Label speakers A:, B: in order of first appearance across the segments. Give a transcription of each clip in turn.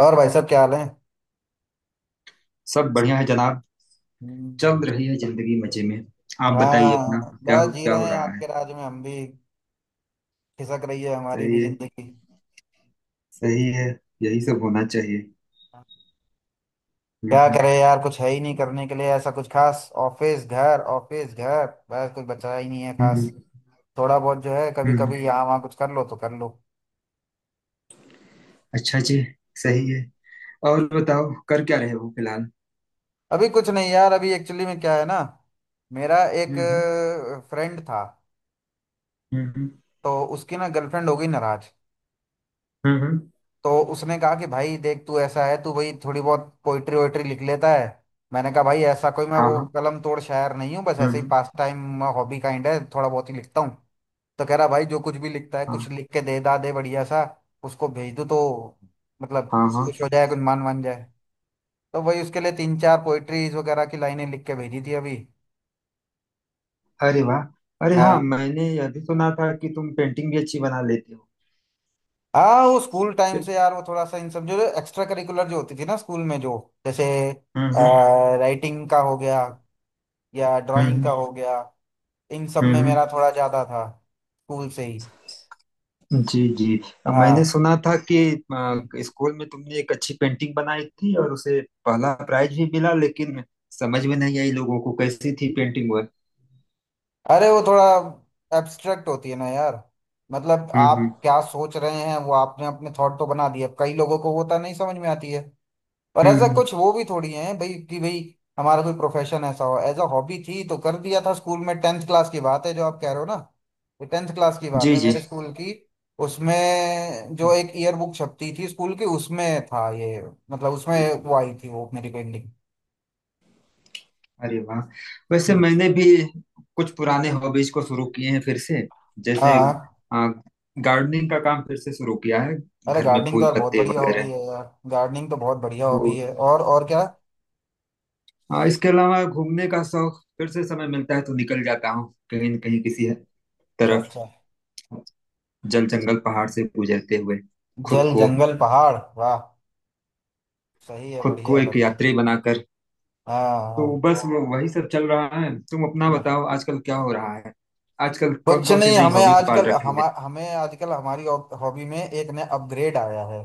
A: और भाई साहब क्या हाल है।
B: सब बढ़िया है जनाब। चल
A: हम्म,
B: रही है जिंदगी मजे में। आप बताइए अपना
A: हाँ, बस जी
B: क्या हो
A: रहे हैं
B: रहा है।
A: आपके राज में हम भी। खिसक रही है हमारी भी
B: सही है।
A: जिंदगी।
B: सही है। यही सब होना चाहिए। हम्म,
A: क्या
B: हम्म,
A: करें यार, कुछ है ही नहीं करने के लिए ऐसा कुछ खास। ऑफिस घर ऑफिस घर, बस कुछ बचा ही नहीं है खास।
B: हम्म,
A: थोड़ा बहुत जो है कभी
B: हम्म।
A: कभी यहाँ वहाँ कुछ कर लो तो कर लो।
B: अच्छा जी। सही
A: हम्म।
B: है। और बताओ कर क्या रहे हो फिलहाल।
A: अभी कुछ नहीं यार, अभी एक्चुअली में क्या है ना, मेरा एक
B: हम्म,
A: फ्रेंड था,
B: हम्म,
A: तो उसकी ना गर्लफ्रेंड हो गई नाराज।
B: हम्म,
A: तो उसने कहा कि भाई देख तू ऐसा है, तू भाई थोड़ी बहुत पोइट्री वोइट्री लिख लेता है। मैंने कहा भाई ऐसा कोई मैं
B: हाँ,
A: वो
B: हाँ।
A: कलम तोड़ शायर नहीं हूँ, बस
B: हम्म,
A: ऐसे ही पास टाइम हॉबी काइंड है, थोड़ा बहुत ही लिखता हूँ। तो कह रहा भाई जो कुछ भी लिखता है कुछ
B: हाँ,
A: लिख के दे दा दे बढ़िया सा, उसको भेज दो तो मतलब
B: हाँ, हाँ।
A: खुश हो जाए, कुछ मान मान जाए। तो वही उसके लिए तीन चार पोइट्रीज वगैरह की लाइनें लिख के भेजी थी अभी।
B: अरे वाह। अरे हाँ,
A: हाँ।
B: मैंने यह भी सुना था कि तुम पेंटिंग भी अच्छी बना लेते हो।
A: हाँ, वो स्कूल टाइम से यार, वो थोड़ा सा इन सब जो एक्स्ट्रा करिकुलर जो होती थी ना स्कूल में, जो जैसे
B: हम्म, हम्म,
A: राइटिंग का हो गया या ड्राइंग का
B: हम्म,
A: हो गया, इन सब में
B: हम्म,
A: मेरा थोड़ा ज्यादा था स्कूल से ही।
B: जी, जी। मैंने
A: हाँ।
B: सुना था कि
A: हम्म।
B: स्कूल में तुमने एक अच्छी पेंटिंग बनाई थी और उसे पहला प्राइज भी मिला, लेकिन समझ में नहीं आई लोगों को कैसी थी पेंटिंग वह।
A: अरे वो थोड़ा एब्स्ट्रैक्ट होती है ना यार। मतलब
B: हम्म, हम्म,
A: आप क्या सोच रहे हैं वो आपने अपने थॉट तो बना दिए, अब कई लोगों को वो तो नहीं समझ में आती है। और
B: हम्म,
A: ऐसा
B: हम्म।
A: कुछ वो भी थोड़ी है भाई कि भाई हमारा कोई प्रोफेशन ऐसा हो। एज अ हॉबी थी तो कर दिया था स्कूल में। टेंथ क्लास की बात है जो आप कह रहे हो ना, तो टेंथ क्लास की बात
B: जी
A: है
B: जी।
A: मेरे जी स्कूल की। उसमें जो एक ईयर बुक छपती थी स्कूल की, उसमें था ये। मतलब उसमें वो आई थी वो मेरी पेंटिंग।
B: अरे वाह। वैसे
A: हम्म।
B: मैंने भी कुछ पुराने हॉबीज को शुरू किए हैं फिर से,
A: हाँ।
B: जैसे
A: हाँ।
B: आ, गार्डनिंग का काम फिर से शुरू किया है।
A: अरे
B: घर में
A: गार्डनिंग तो
B: फूल
A: यार बहुत
B: पत्ते
A: बढ़िया हॉबी
B: वगैरह।
A: है यार। गार्डनिंग तो बहुत बढ़िया
B: वो
A: हॉबी है। और क्या?
B: हाँ, इसके अलावा घूमने का शौक, फिर से समय मिलता है तो निकल जाता हूँ कहीं न कहीं किसी
A: अच्छा
B: तरफ,
A: अच्छा।
B: जल जंगल पहाड़ से गुजरते हुए, खुद
A: जल
B: को
A: जंगल पहाड़, वाह! सही है,
B: खुद
A: बढ़िया
B: को
A: है
B: एक
A: बढ़िया।
B: यात्री बनाकर।
A: हाँ। हाँ।
B: तो बस वो वही सब चल रहा है। तुम अपना
A: हाँ।
B: बताओ आजकल क्या हो रहा है। आजकल कौन
A: कुछ
B: कौन सी
A: नहीं,
B: नई
A: हमें
B: हॉबी पाल
A: आजकल
B: रखी
A: हम
B: है।
A: हमें आजकल हमारी हॉबी में एक नया अपग्रेड आया है।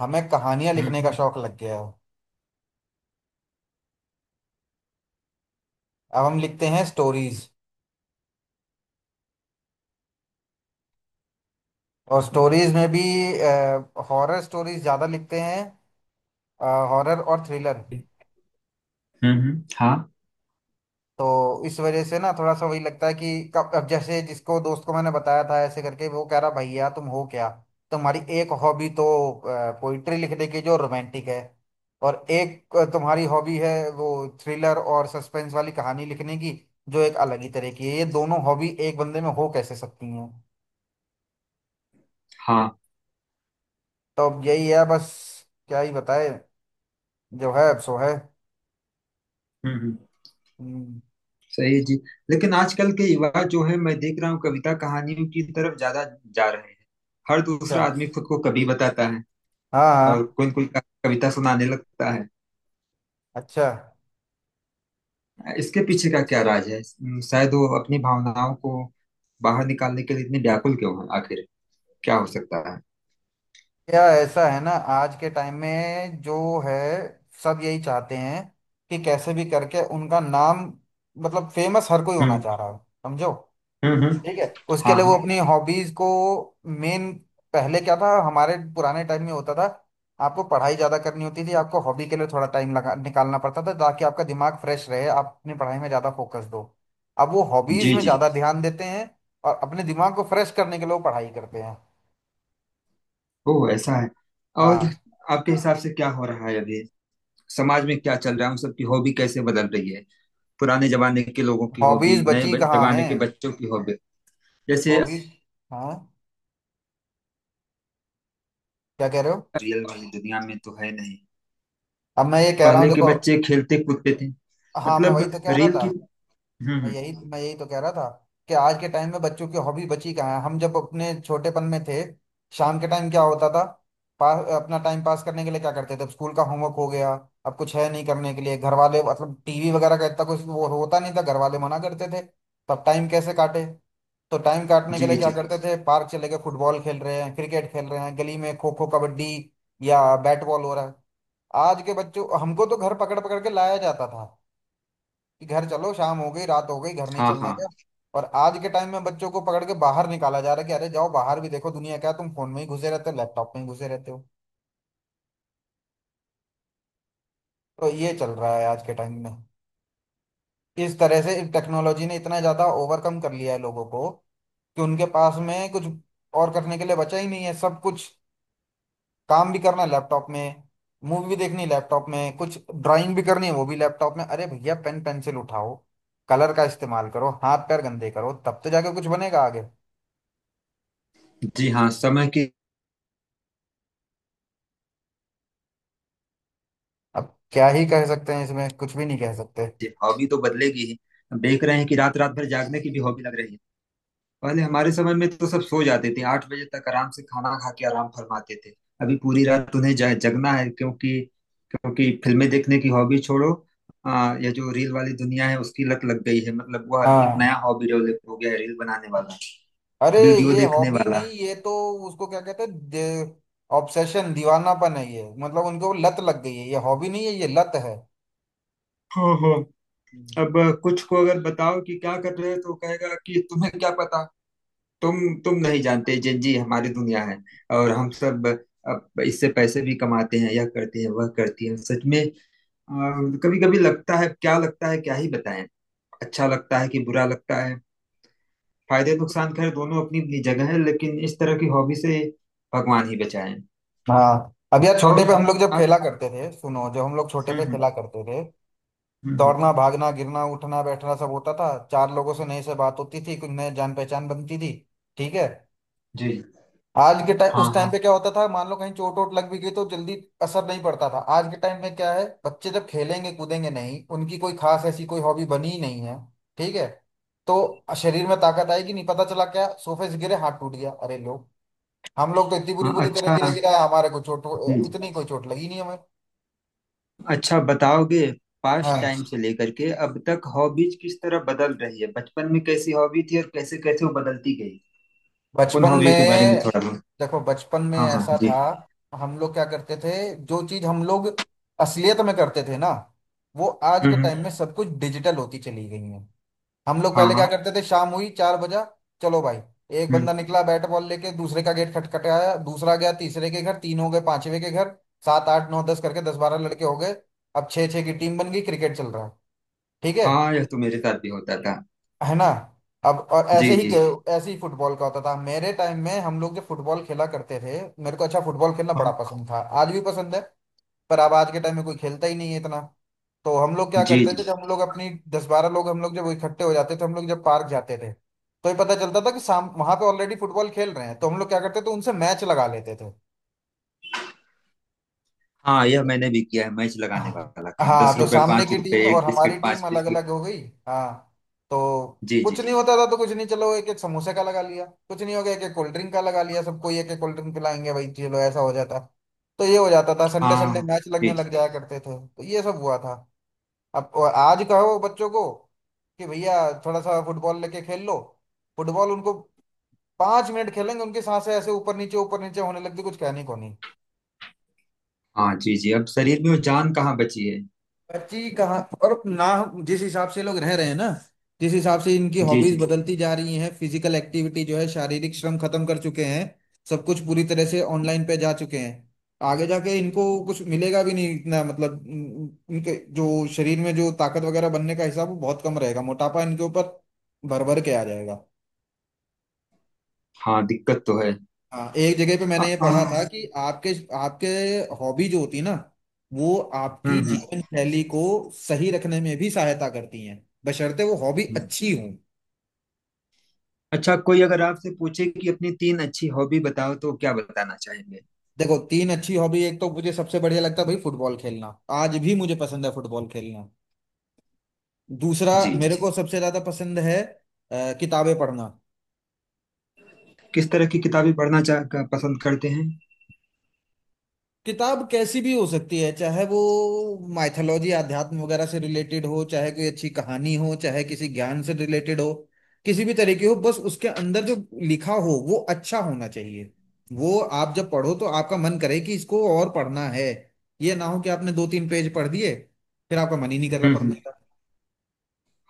A: हमें कहानियां लिखने का
B: हम्म,
A: शौक लग गया है। अब हम लिखते हैं स्टोरीज, और स्टोरीज में भी हॉरर स्टोरीज ज्यादा लिखते हैं, हॉरर और थ्रिलर।
B: हम्म, हाँ,
A: तो इस वजह से ना थोड़ा सा वही लगता है कि कब अब, जैसे जिसको दोस्त को मैंने बताया था ऐसे करके, वो कह रहा भैया तुम हो क्या, तुम्हारी एक हॉबी तो पोइट्री लिखने की जो रोमांटिक है, और एक तुम्हारी हॉबी है वो थ्रिलर और सस्पेंस वाली कहानी लिखने की, जो एक अलग ही तरह की है। ये दोनों हॉबी एक बंदे में हो कैसे सकती हैं?
B: हाँ।
A: तो अब यही है बस, क्या ही बताए, जो है अब सो है।
B: हम्म,
A: हम्म।
B: सही है जी। लेकिन आजकल के युवा जो है मैं देख रहा हूँ कविता कहानियों की तरफ ज्यादा जा रहे हैं। हर
A: अच्छा।
B: दूसरा आदमी खुद को कवि बताता है
A: हाँ
B: और
A: हाँ।
B: कोई कोई कविता सुनाने लगता है।
A: अच्छा।
B: इसके पीछे का क्या राज है, शायद वो अपनी भावनाओं को बाहर निकालने के लिए इतनी व्याकुल क्यों है आखिर, क्या हो सकता है।
A: या ऐसा है ना, आज के टाइम में जो है सब यही चाहते हैं कि कैसे भी करके उनका नाम, मतलब फेमस हर कोई होना
B: हम्म,
A: चाह रहा है, समझो।
B: हम्म,
A: ठीक है, उसके
B: हाँ,
A: लिए
B: हाँ,
A: वो अपनी हॉबीज को मेन। पहले क्या था हमारे पुराने टाइम में होता था आपको पढ़ाई ज्यादा करनी होती थी, आपको हॉबी के लिए थोड़ा टाइम लगा निकालना पड़ता था, ताकि आपका दिमाग फ्रेश रहे, आप अपनी पढ़ाई में ज्यादा फोकस दो। अब वो हॉबीज
B: जी
A: में
B: जी।
A: ज्यादा ध्यान देते हैं, और अपने दिमाग को फ्रेश करने के लिए वो पढ़ाई करते हैं।
B: ओ, ऐसा है। और
A: हाँ।
B: आपके हिसाब से क्या हो रहा है अभी, समाज में क्या चल रहा है, उन सबकी हॉबी कैसे बदल रही है। पुराने जमाने के लोगों की हॉबी,
A: हॉबीज
B: नए
A: बची कहाँ
B: जमाने
A: हैं?
B: के बच्चों की हॉबी। जैसे,
A: हॉबीज। हाँ। क्या कह रहे हो?
B: रियल वाली दुनिया में तो है नहीं।
A: अब मैं ये कह रहा हूँ,
B: पहले के
A: देखो।
B: बच्चे खेलते कूदते थे।
A: हाँ, मैं
B: मतलब
A: वही तो कह रहा
B: रील
A: था।
B: की। हम्म,
A: मैं यही मैं यही तो कह रहा था कि आज के टाइम में बच्चों की हॉबी बची कहाँ है। हम जब अपने छोटेपन में थे, शाम के टाइम क्या होता था? पा, अपना टाइम पास करने के लिए क्या करते थे? अब स्कूल का होमवर्क हो गया, अब कुछ है नहीं करने के लिए, घर वाले मतलब टीवी वगैरह का इतना कुछ वो होता नहीं था, घर वाले मना करते थे। तब टाइम कैसे काटे? तो टाइम काटने के
B: जी
A: लिए क्या
B: जी।
A: करते थे? पार्क चले गए, फुटबॉल खेल रहे हैं, क्रिकेट खेल रहे हैं, गली में खो खो कबड्डी या बैट बॉल हो रहा है। आज के बच्चों, हमको तो घर पकड़ पकड़ के लाया जाता था कि घर चलो, शाम हो गई रात हो गई, घर नहीं
B: हाँ,
A: चलना क्या।
B: हाँ।
A: और आज के टाइम में बच्चों को पकड़ के बाहर निकाला जा रहा है कि अरे जाओ बाहर भी देखो दुनिया क्या है, तुम फोन में ही घुसे रहते हो लैपटॉप में ही घुसे रहते हो। तो ये चल रहा है आज के टाइम में। इस तरह से टेक्नोलॉजी ने इतना ज्यादा ओवरकम कर लिया है लोगों को कि उनके पास में कुछ और करने के लिए बचा ही नहीं है। सब कुछ, काम भी करना है लैपटॉप में, मूवी भी देखनी है लैपटॉप में, कुछ ड्राइंग भी करनी है वो भी लैपटॉप में। अरे भैया पेन पेंसिल उठाओ, कलर का इस्तेमाल करो, हाथ पैर गंदे करो, तब तो जाके कुछ बनेगा आगे।
B: जी हाँ, समय की।
A: अब क्या ही कह सकते हैं, इसमें कुछ भी नहीं कह सकते।
B: जी, हॉबी तो बदलेगी ही। हम देख रहे हैं कि रात रात भर जागने की भी हॉबी लग रही है। पहले हमारे समय में तो सब सो जाते थे 8 बजे तक, आराम से खाना खा के आराम फरमाते थे। अभी पूरी रात उन्हें जगना है क्योंकि क्योंकि फिल्में देखने की हॉबी छोड़ो, यह जो रील वाली दुनिया है उसकी लत लग गई है, मतलब वह एक नया
A: हाँ।
B: हॉबी डेवलप हो गया है, रील बनाने वाला
A: अरे
B: वीडियो
A: ये
B: देखने
A: हॉबी
B: वाला।
A: नहीं, ये तो उसको क्या कहते हैं, ऑब्सेशन, दीवानापन है ये। मतलब उनको वो लत लग गई है, ये हॉबी नहीं है, ये लत है।
B: हो हो।
A: हम्म।
B: अब कुछ को अगर बताओ कि क्या कर रहे हो तो कहेगा कि तुम्हें क्या पता, तुम तुम नहीं जानते, जेनजी हमारी दुनिया है और हम सब अब इससे पैसे भी कमाते हैं, यह करते हैं वह करती हैं, सच में। कभी कभी लगता है क्या लगता है, क्या ही बताएं। अच्छा लगता है कि बुरा लगता है। फायदे नुकसान खैर दोनों अपनी अपनी जगह है, लेकिन इस तरह की हॉबी से भगवान ही बचाएं।
A: हाँ, अब यार छोटे
B: और
A: पे हम लोग जब
B: अब
A: खेला करते थे, सुनो जब हम लोग छोटे
B: हम्म,
A: पे
B: हम्म,
A: खेला करते थे,
B: हम्म, हम्म,
A: दौड़ना भागना गिरना उठना बैठना सब होता था, चार लोगों से नई से बात होती थी, कुछ नए जान पहचान बनती थी। ठीक है।
B: जी,
A: आज के टाइम,
B: हाँ,
A: उस टाइम
B: हाँ,
A: पे क्या होता था, मान लो कहीं चोट वोट लग भी गई तो जल्दी असर नहीं पड़ता था। आज के टाइम में क्या है, बच्चे जब खेलेंगे कूदेंगे नहीं, उनकी कोई खास ऐसी कोई हॉबी बनी ही नहीं है। ठीक है। तो शरीर में ताकत आएगी नहीं, पता चला क्या सोफे से गिरे हाथ टूट गया। अरे लोग, हम लोग तो इतनी बुरी
B: हाँ,
A: बुरी तरह
B: अच्छा
A: गिरे, गिरा हमारे को
B: जी।
A: चोट, इतनी कोई चोट लगी नहीं हमें।
B: अच्छा बताओगे, पास्ट
A: हाँ।
B: टाइम से लेकर के अब तक हॉबीज किस तरह बदल रही है, बचपन में कैसी हॉबी थी और कैसे कैसे वो बदलती गई, उन
A: बचपन
B: हॉबियों के बारे में
A: में,
B: थोड़ा बहुत।
A: देखो बचपन में
B: हाँ, हाँ
A: ऐसा
B: जी।
A: था, हम लोग क्या करते थे, जो चीज हम लोग असलियत में करते थे ना, वो आज
B: हम्म,
A: के टाइम में सब कुछ डिजिटल होती चली गई है। हम लोग
B: हाँ,
A: पहले
B: हाँ।
A: क्या करते थे, शाम हुई, चार बजा, चलो भाई, एक
B: हम्म,
A: बंदा निकला बैट बॉल लेके, दूसरे का गेट खटखटाया, दूसरा गया तीसरे के घर, तीन हो गए पांचवे के घर, सात आठ नौ दस करके दस बारह लड़के हो गए। अब छह छह की टीम बन गई, क्रिकेट चल रहा है। ठीक है
B: हाँ, यह तो मेरे साथ भी होता था।
A: है ना। अब और ऐसे
B: जी
A: ही
B: जी।
A: ऐसे ही फुटबॉल का होता था। मेरे टाइम में हम लोग जब फुटबॉल खेला करते थे, मेरे को अच्छा फुटबॉल खेलना बड़ा
B: हाँ,
A: पसंद था, आज भी पसंद है। पर अब आज के टाइम में कोई खेलता ही नहीं है इतना। तो हम लोग क्या
B: जी
A: करते
B: जी।
A: थे जब हम लोग अपनी दस बारह लोग हम लोग जब इकट्ठे हो जाते थे, हम लोग जब पार्क जाते थे तो ये पता चलता था कि शाम वहां पे ऑलरेडी फुटबॉल खेल रहे हैं, तो हम लोग क्या करते थे उनसे मैच लगा लेते थे।
B: हाँ, यह मैंने भी किया है मैच लगाने
A: हाँ।
B: वाला काम, दस
A: हाँ, तो
B: रुपए
A: सामने
B: पांच
A: की
B: रुपए
A: टीम
B: एक
A: और हमारी
B: बिस्किट
A: टीम
B: पांच
A: अलग
B: बिस्किट।
A: अलग हो गई। हाँ। तो
B: जी
A: कुछ
B: जी।
A: नहीं होता था तो कुछ नहीं, चलो एक एक समोसे का लगा लिया, कुछ नहीं हो गया एक एक कोल्ड ड्रिंक का लगा लिया, सबको एक एक कोल्ड ड्रिंक पिलाएंगे भाई, चलो ऐसा हो जाता। तो ये हो जाता था,
B: हाँ,
A: संडे संडे
B: हाँ,
A: मैच
B: जी
A: लगने
B: जी।
A: लग जाया करते थे, तो ये सब हुआ था। अब और आज कहो बच्चों को कि भैया थोड़ा सा फुटबॉल लेके खेल लो, फुटबॉल, उनको पांच मिनट खेलेंगे उनकी सांसें ऐसे ऊपर नीचे होने लगती, कुछ कहने को नहीं।
B: हाँ, जी जी, अब शरीर में वो जान कहाँ बची है।
A: बच्ची कहाँ, और ना जिस हिसाब से लोग रह रहे हैं ना, जिस हिसाब से इनकी
B: जी
A: हॉबीज
B: जी।
A: बदलती जा रही हैं, फिजिकल एक्टिविटी जो है शारीरिक श्रम खत्म कर चुके हैं। सब कुछ पूरी तरह से ऑनलाइन पे जा चुके हैं। आगे जाके इनको कुछ मिलेगा भी नहीं इतना, मतलब इनके जो शरीर में जो ताकत वगैरह बनने का हिसाब वो बहुत कम रहेगा, मोटापा इनके ऊपर भर भर के आ जाएगा।
B: हाँ, दिक्कत तो है।
A: हाँ, एक जगह पे
B: आ,
A: मैंने ये
B: आ,
A: पढ़ा था कि आपके आपके हॉबी जो होती है ना, वो
B: हम्म,
A: आपकी
B: हम्म।
A: जीवन शैली को सही रखने में भी सहायता करती हैं, बशर्ते वो हॉबी अच्छी हो।
B: अच्छा, कोई अगर आपसे पूछे कि अपनी तीन अच्छी हॉबी बताओ तो क्या बताना चाहेंगे।
A: देखो तीन अच्छी हॉबी, एक तो मुझे सबसे बढ़िया लगता है भाई फुटबॉल खेलना, आज भी मुझे पसंद है फुटबॉल खेलना। दूसरा,
B: जी जी।
A: मेरे को सबसे ज्यादा पसंद है किताबें पढ़ना।
B: किस तरह की किताबें पढ़ना चाह पसंद करते हैं।
A: किताब कैसी भी हो सकती है, चाहे वो माइथोलॉजी अध्यात्म वगैरह से रिलेटेड हो, चाहे कोई अच्छी कहानी हो, चाहे किसी ज्ञान से रिलेटेड हो, किसी भी तरीके हो, बस उसके अंदर जो लिखा हो वो अच्छा होना चाहिए। वो आप जब पढ़ो तो आपका मन करे कि इसको और पढ़ना है, ये ना हो कि आपने दो तीन पेज पढ़ दिए फिर आपका मन ही नहीं कर रहा
B: हम्म,
A: पढ़ने का।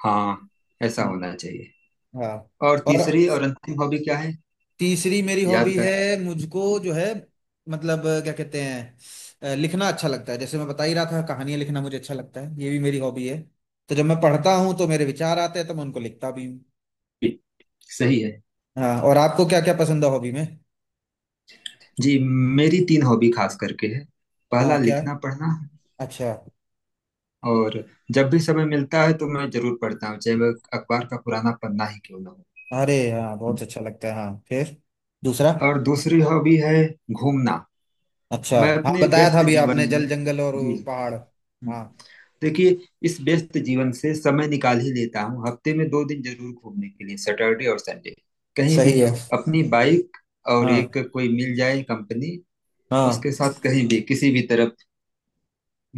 B: हाँ, ऐसा
A: हम्म।
B: होना चाहिए।
A: हाँ।
B: और
A: और
B: तीसरी और अंतिम हॉबी क्या है।
A: तीसरी मेरी
B: याद
A: हॉबी
B: कर।
A: है, मुझको जो है, मतलब क्या कहते हैं, लिखना अच्छा लगता है, जैसे मैं बता ही रहा था, कहानियां लिखना मुझे अच्छा लगता है, ये भी मेरी हॉबी है। तो जब मैं पढ़ता हूँ तो मेरे विचार आते हैं तो मैं उनको लिखता भी हूँ।
B: जी, सही है
A: हाँ, और आपको क्या क्या पसंद है हॉबी में?
B: जी। मेरी तीन हॉबी खास करके है।
A: हाँ,
B: पहला
A: क्या?
B: लिखना पढ़ना है,
A: अच्छा।
B: और जब भी समय मिलता है तो मैं जरूर पढ़ता हूँ, चाहे वह अखबार का पुराना पन्ना ही क्यों ना हो।
A: अरे हाँ, बहुत अच्छा लगता है हाँ। फिर दूसरा?
B: और दूसरी हॉबी है घूमना।
A: अच्छा।
B: मैं
A: हाँ,
B: अपने
A: बताया था
B: व्यस्त
A: अभी
B: जीवन
A: आपने, जल
B: में,
A: जंगल और
B: जी
A: वो
B: जी,
A: पहाड़,
B: हम्म।
A: हाँ।
B: देखिए, इस व्यस्त जीवन से समय निकाल ही लेता हूँ हफ्ते में 2 दिन जरूर घूमने के लिए, सैटरडे और संडे, कहीं भी,
A: सही है।
B: अपनी बाइक और
A: हाँ।
B: एक कोई मिल जाए कंपनी,
A: हाँ।
B: उसके साथ कहीं भी किसी भी तरफ।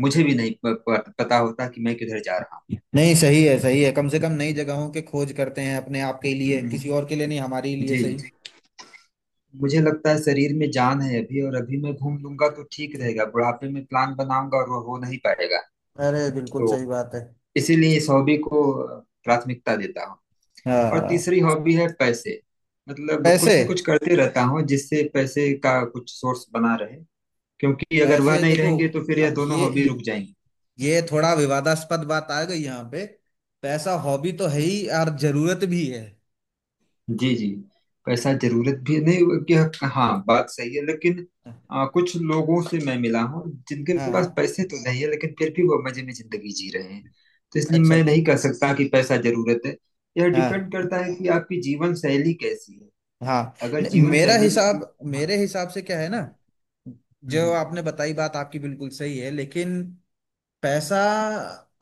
B: मुझे भी नहीं प, प, पता होता कि मैं किधर जा रहा हूँ।
A: नहीं सही है, सही है। कम से कम नई जगहों की खोज करते हैं अपने आप के लिए,
B: हम्म,
A: किसी और के लिए नहीं, हमारे ही लिए,
B: जी
A: सही।
B: जी। मुझे लगता है शरीर में जान है अभी, और अभी मैं घूम लूंगा तो ठीक रहेगा, बुढ़ापे में प्लान बनाऊंगा और वो हो नहीं पाएगा।
A: अरे बिल्कुल
B: तो
A: सही बात है।
B: इसीलिए इस हॉबी को प्राथमिकता देता हूँ। और
A: हाँ।
B: तीसरी हॉबी है पैसे। मतलब
A: पैसे?
B: कुछ न कुछ करते रहता हूँ जिससे पैसे का कुछ सोर्स बना रहे, क्योंकि अगर वह
A: पैसे
B: नहीं
A: देखो,
B: रहेंगे तो फिर यह
A: अब
B: दोनों हॉबी रुक जाएंगी।
A: ये थोड़ा विवादास्पद बात आ गई यहाँ पे। पैसा हॉबी तो है ही और जरूरत भी है।
B: जी जी। पैसा
A: हाँ।
B: जरूरत भी नहीं कि, हाँ बात सही है, लेकिन कुछ लोगों से मैं मिला हूँ जिनके
A: हाँ।
B: पास पैसे तो नहीं है लेकिन फिर भी वो मजे में जिंदगी जी रहे हैं। तो इसलिए
A: अच्छा
B: मैं
A: अच्छा।
B: नहीं कह सकता कि पैसा जरूरत है। यह डिपेंड
A: हाँ।
B: करता है कि आपकी जीवन शैली कैसी है।
A: हाँ।
B: अगर
A: नहीं,
B: जीवन
A: मेरा
B: शैली,
A: हिसाब
B: हाँ,
A: मेरे हिसाब से क्या है ना,
B: हम्म,
A: जो
B: हम्म,
A: आपने बताई बात आपकी बिल्कुल सही है, लेकिन पैसा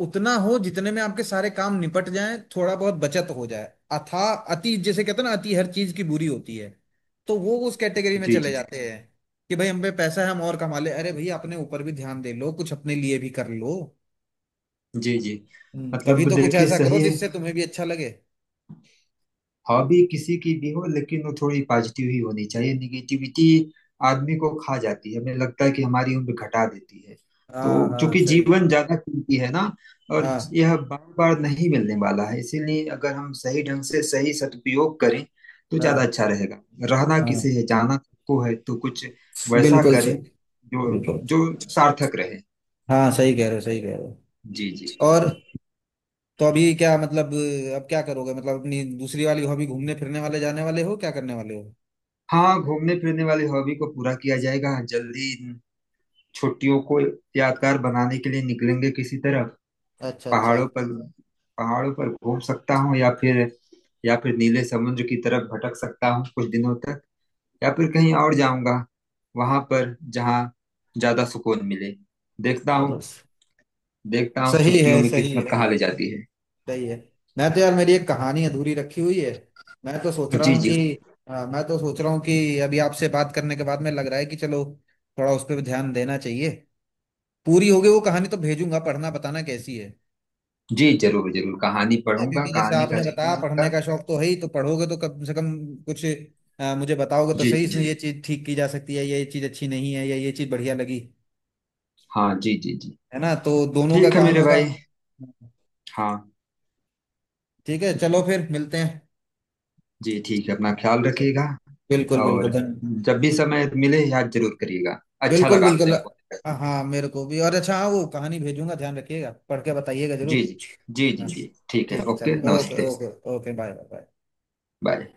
A: उतना हो जितने में आपके सारे काम निपट जाएं, थोड़ा बहुत बचत हो जाए। अथा अति, जैसे कहते हैं ना, अति हर चीज की बुरी होती है। तो वो उस कैटेगरी में
B: जी
A: चले
B: जी
A: जाते हैं कि भाई हम पे पैसा है हम और कमा ले, अरे भाई अपने ऊपर भी ध्यान दे लो, कुछ अपने लिए भी कर लो।
B: जी जी।
A: कभी
B: मतलब
A: तो कुछ
B: देखिए
A: ऐसा करो
B: सही है,
A: जिससे तुम्हें भी अच्छा लगे।
B: हॉबी किसी की भी हो, लेकिन वो थोड़ी पॉजिटिव ही होनी चाहिए। निगेटिविटी आदमी को खा जाती है, हमें लगता है कि हमारी उम्र घटा देती है। तो
A: हाँ हाँ,
B: चूंकि
A: सही बात।
B: जीवन ज्यादा कीमती है ना, और
A: हाँ।
B: यह बार बार नहीं मिलने वाला है, इसीलिए अगर हम सही ढंग से सही सदुपयोग करें तो ज्यादा
A: हाँ।
B: अच्छा रहेगा। रहना किसे
A: हाँ,
B: है, जाना सबको है, तो कुछ वैसा
A: बिल्कुल
B: करें
A: सही,
B: जो
A: बिल्कुल।
B: जो सार्थक रहे।
A: हाँ, सही कह रहे हो, सही कह रहे हो।
B: जी जी।
A: और, तो अभी क्या मतलब, अब क्या करोगे, मतलब अपनी दूसरी वाली हॉबी घूमने फिरने वाले, जाने वाले हो, क्या करने वाले हो?
B: हाँ, घूमने फिरने वाली हॉबी को पूरा किया जाएगा जल्दी, छुट्टियों को यादगार बनाने के लिए निकलेंगे किसी तरफ।
A: अच्छा अच्छा।
B: पहाड़ों पर पहाड़ों पर घूम सकता हूँ, या फिर नीले समुद्र की तरफ भटक सकता हूँ कुछ दिनों तक, या फिर कहीं और जाऊंगा वहां पर जहाँ ज्यादा सुकून मिले। देखता
A: चलो,
B: हूँ। देखता हूँ
A: सही
B: छुट्टियों
A: है,
B: में
A: सही
B: किस्मत
A: है,
B: कहाँ ले जाती है।
A: सही है। मैं तो यार मेरी एक कहानी अधूरी रखी हुई है, मैं तो सोच रहा
B: जी,
A: हूँ
B: जी
A: कि, हाँ, मैं तो सोच रहा हूँ कि अभी आपसे बात करने के बाद में लग रहा है कि चलो थोड़ा उस पर ध्यान देना चाहिए। पूरी होगी वो कहानी तो भेजूंगा, पढ़ना, बताना कैसी है।
B: जी जरूर जरूर कहानी
A: है,
B: पढ़ूंगा,
A: क्योंकि जैसे
B: कहानी का
A: आपने बताया
B: रिव्यू
A: पढ़ने
B: दूंगा।
A: का शौक तो है ही, तो पढ़ोगे तो कम से कम कुछ मुझे बताओगे तो
B: जी
A: सही,
B: जी,
A: इसमें ये चीज ठीक की जा सकती है, ये चीज अच्छी नहीं है, या ये चीज बढ़िया लगी।
B: हाँ, जी जी जी,
A: है ना, तो दोनों का
B: ठीक है
A: काम
B: मेरे
A: होगा।
B: भाई। हाँ,
A: ठीक है, चलो फिर मिलते हैं।
B: जी ठीक है, अपना ख्याल रखिएगा,
A: बिल्कुल बिल्कुल,
B: और
A: धन।
B: जब भी समय मिले याद जरूर करिएगा। अच्छा
A: बिल्कुल
B: लगा
A: बिल्कुल।
B: आपने फोन किया।
A: हाँ हाँ, मेरे को भी और अच्छा, हाँ वो कहानी भेजूंगा, ध्यान रखिएगा, पढ़ के बताइएगा
B: जी,
A: जरूर।
B: जी जी जी
A: हाँ,
B: जी, ठीक है,
A: ठीक है
B: ओके,
A: चलो, ओके
B: नमस्ते,
A: okay, okay bye bye.
B: Bye.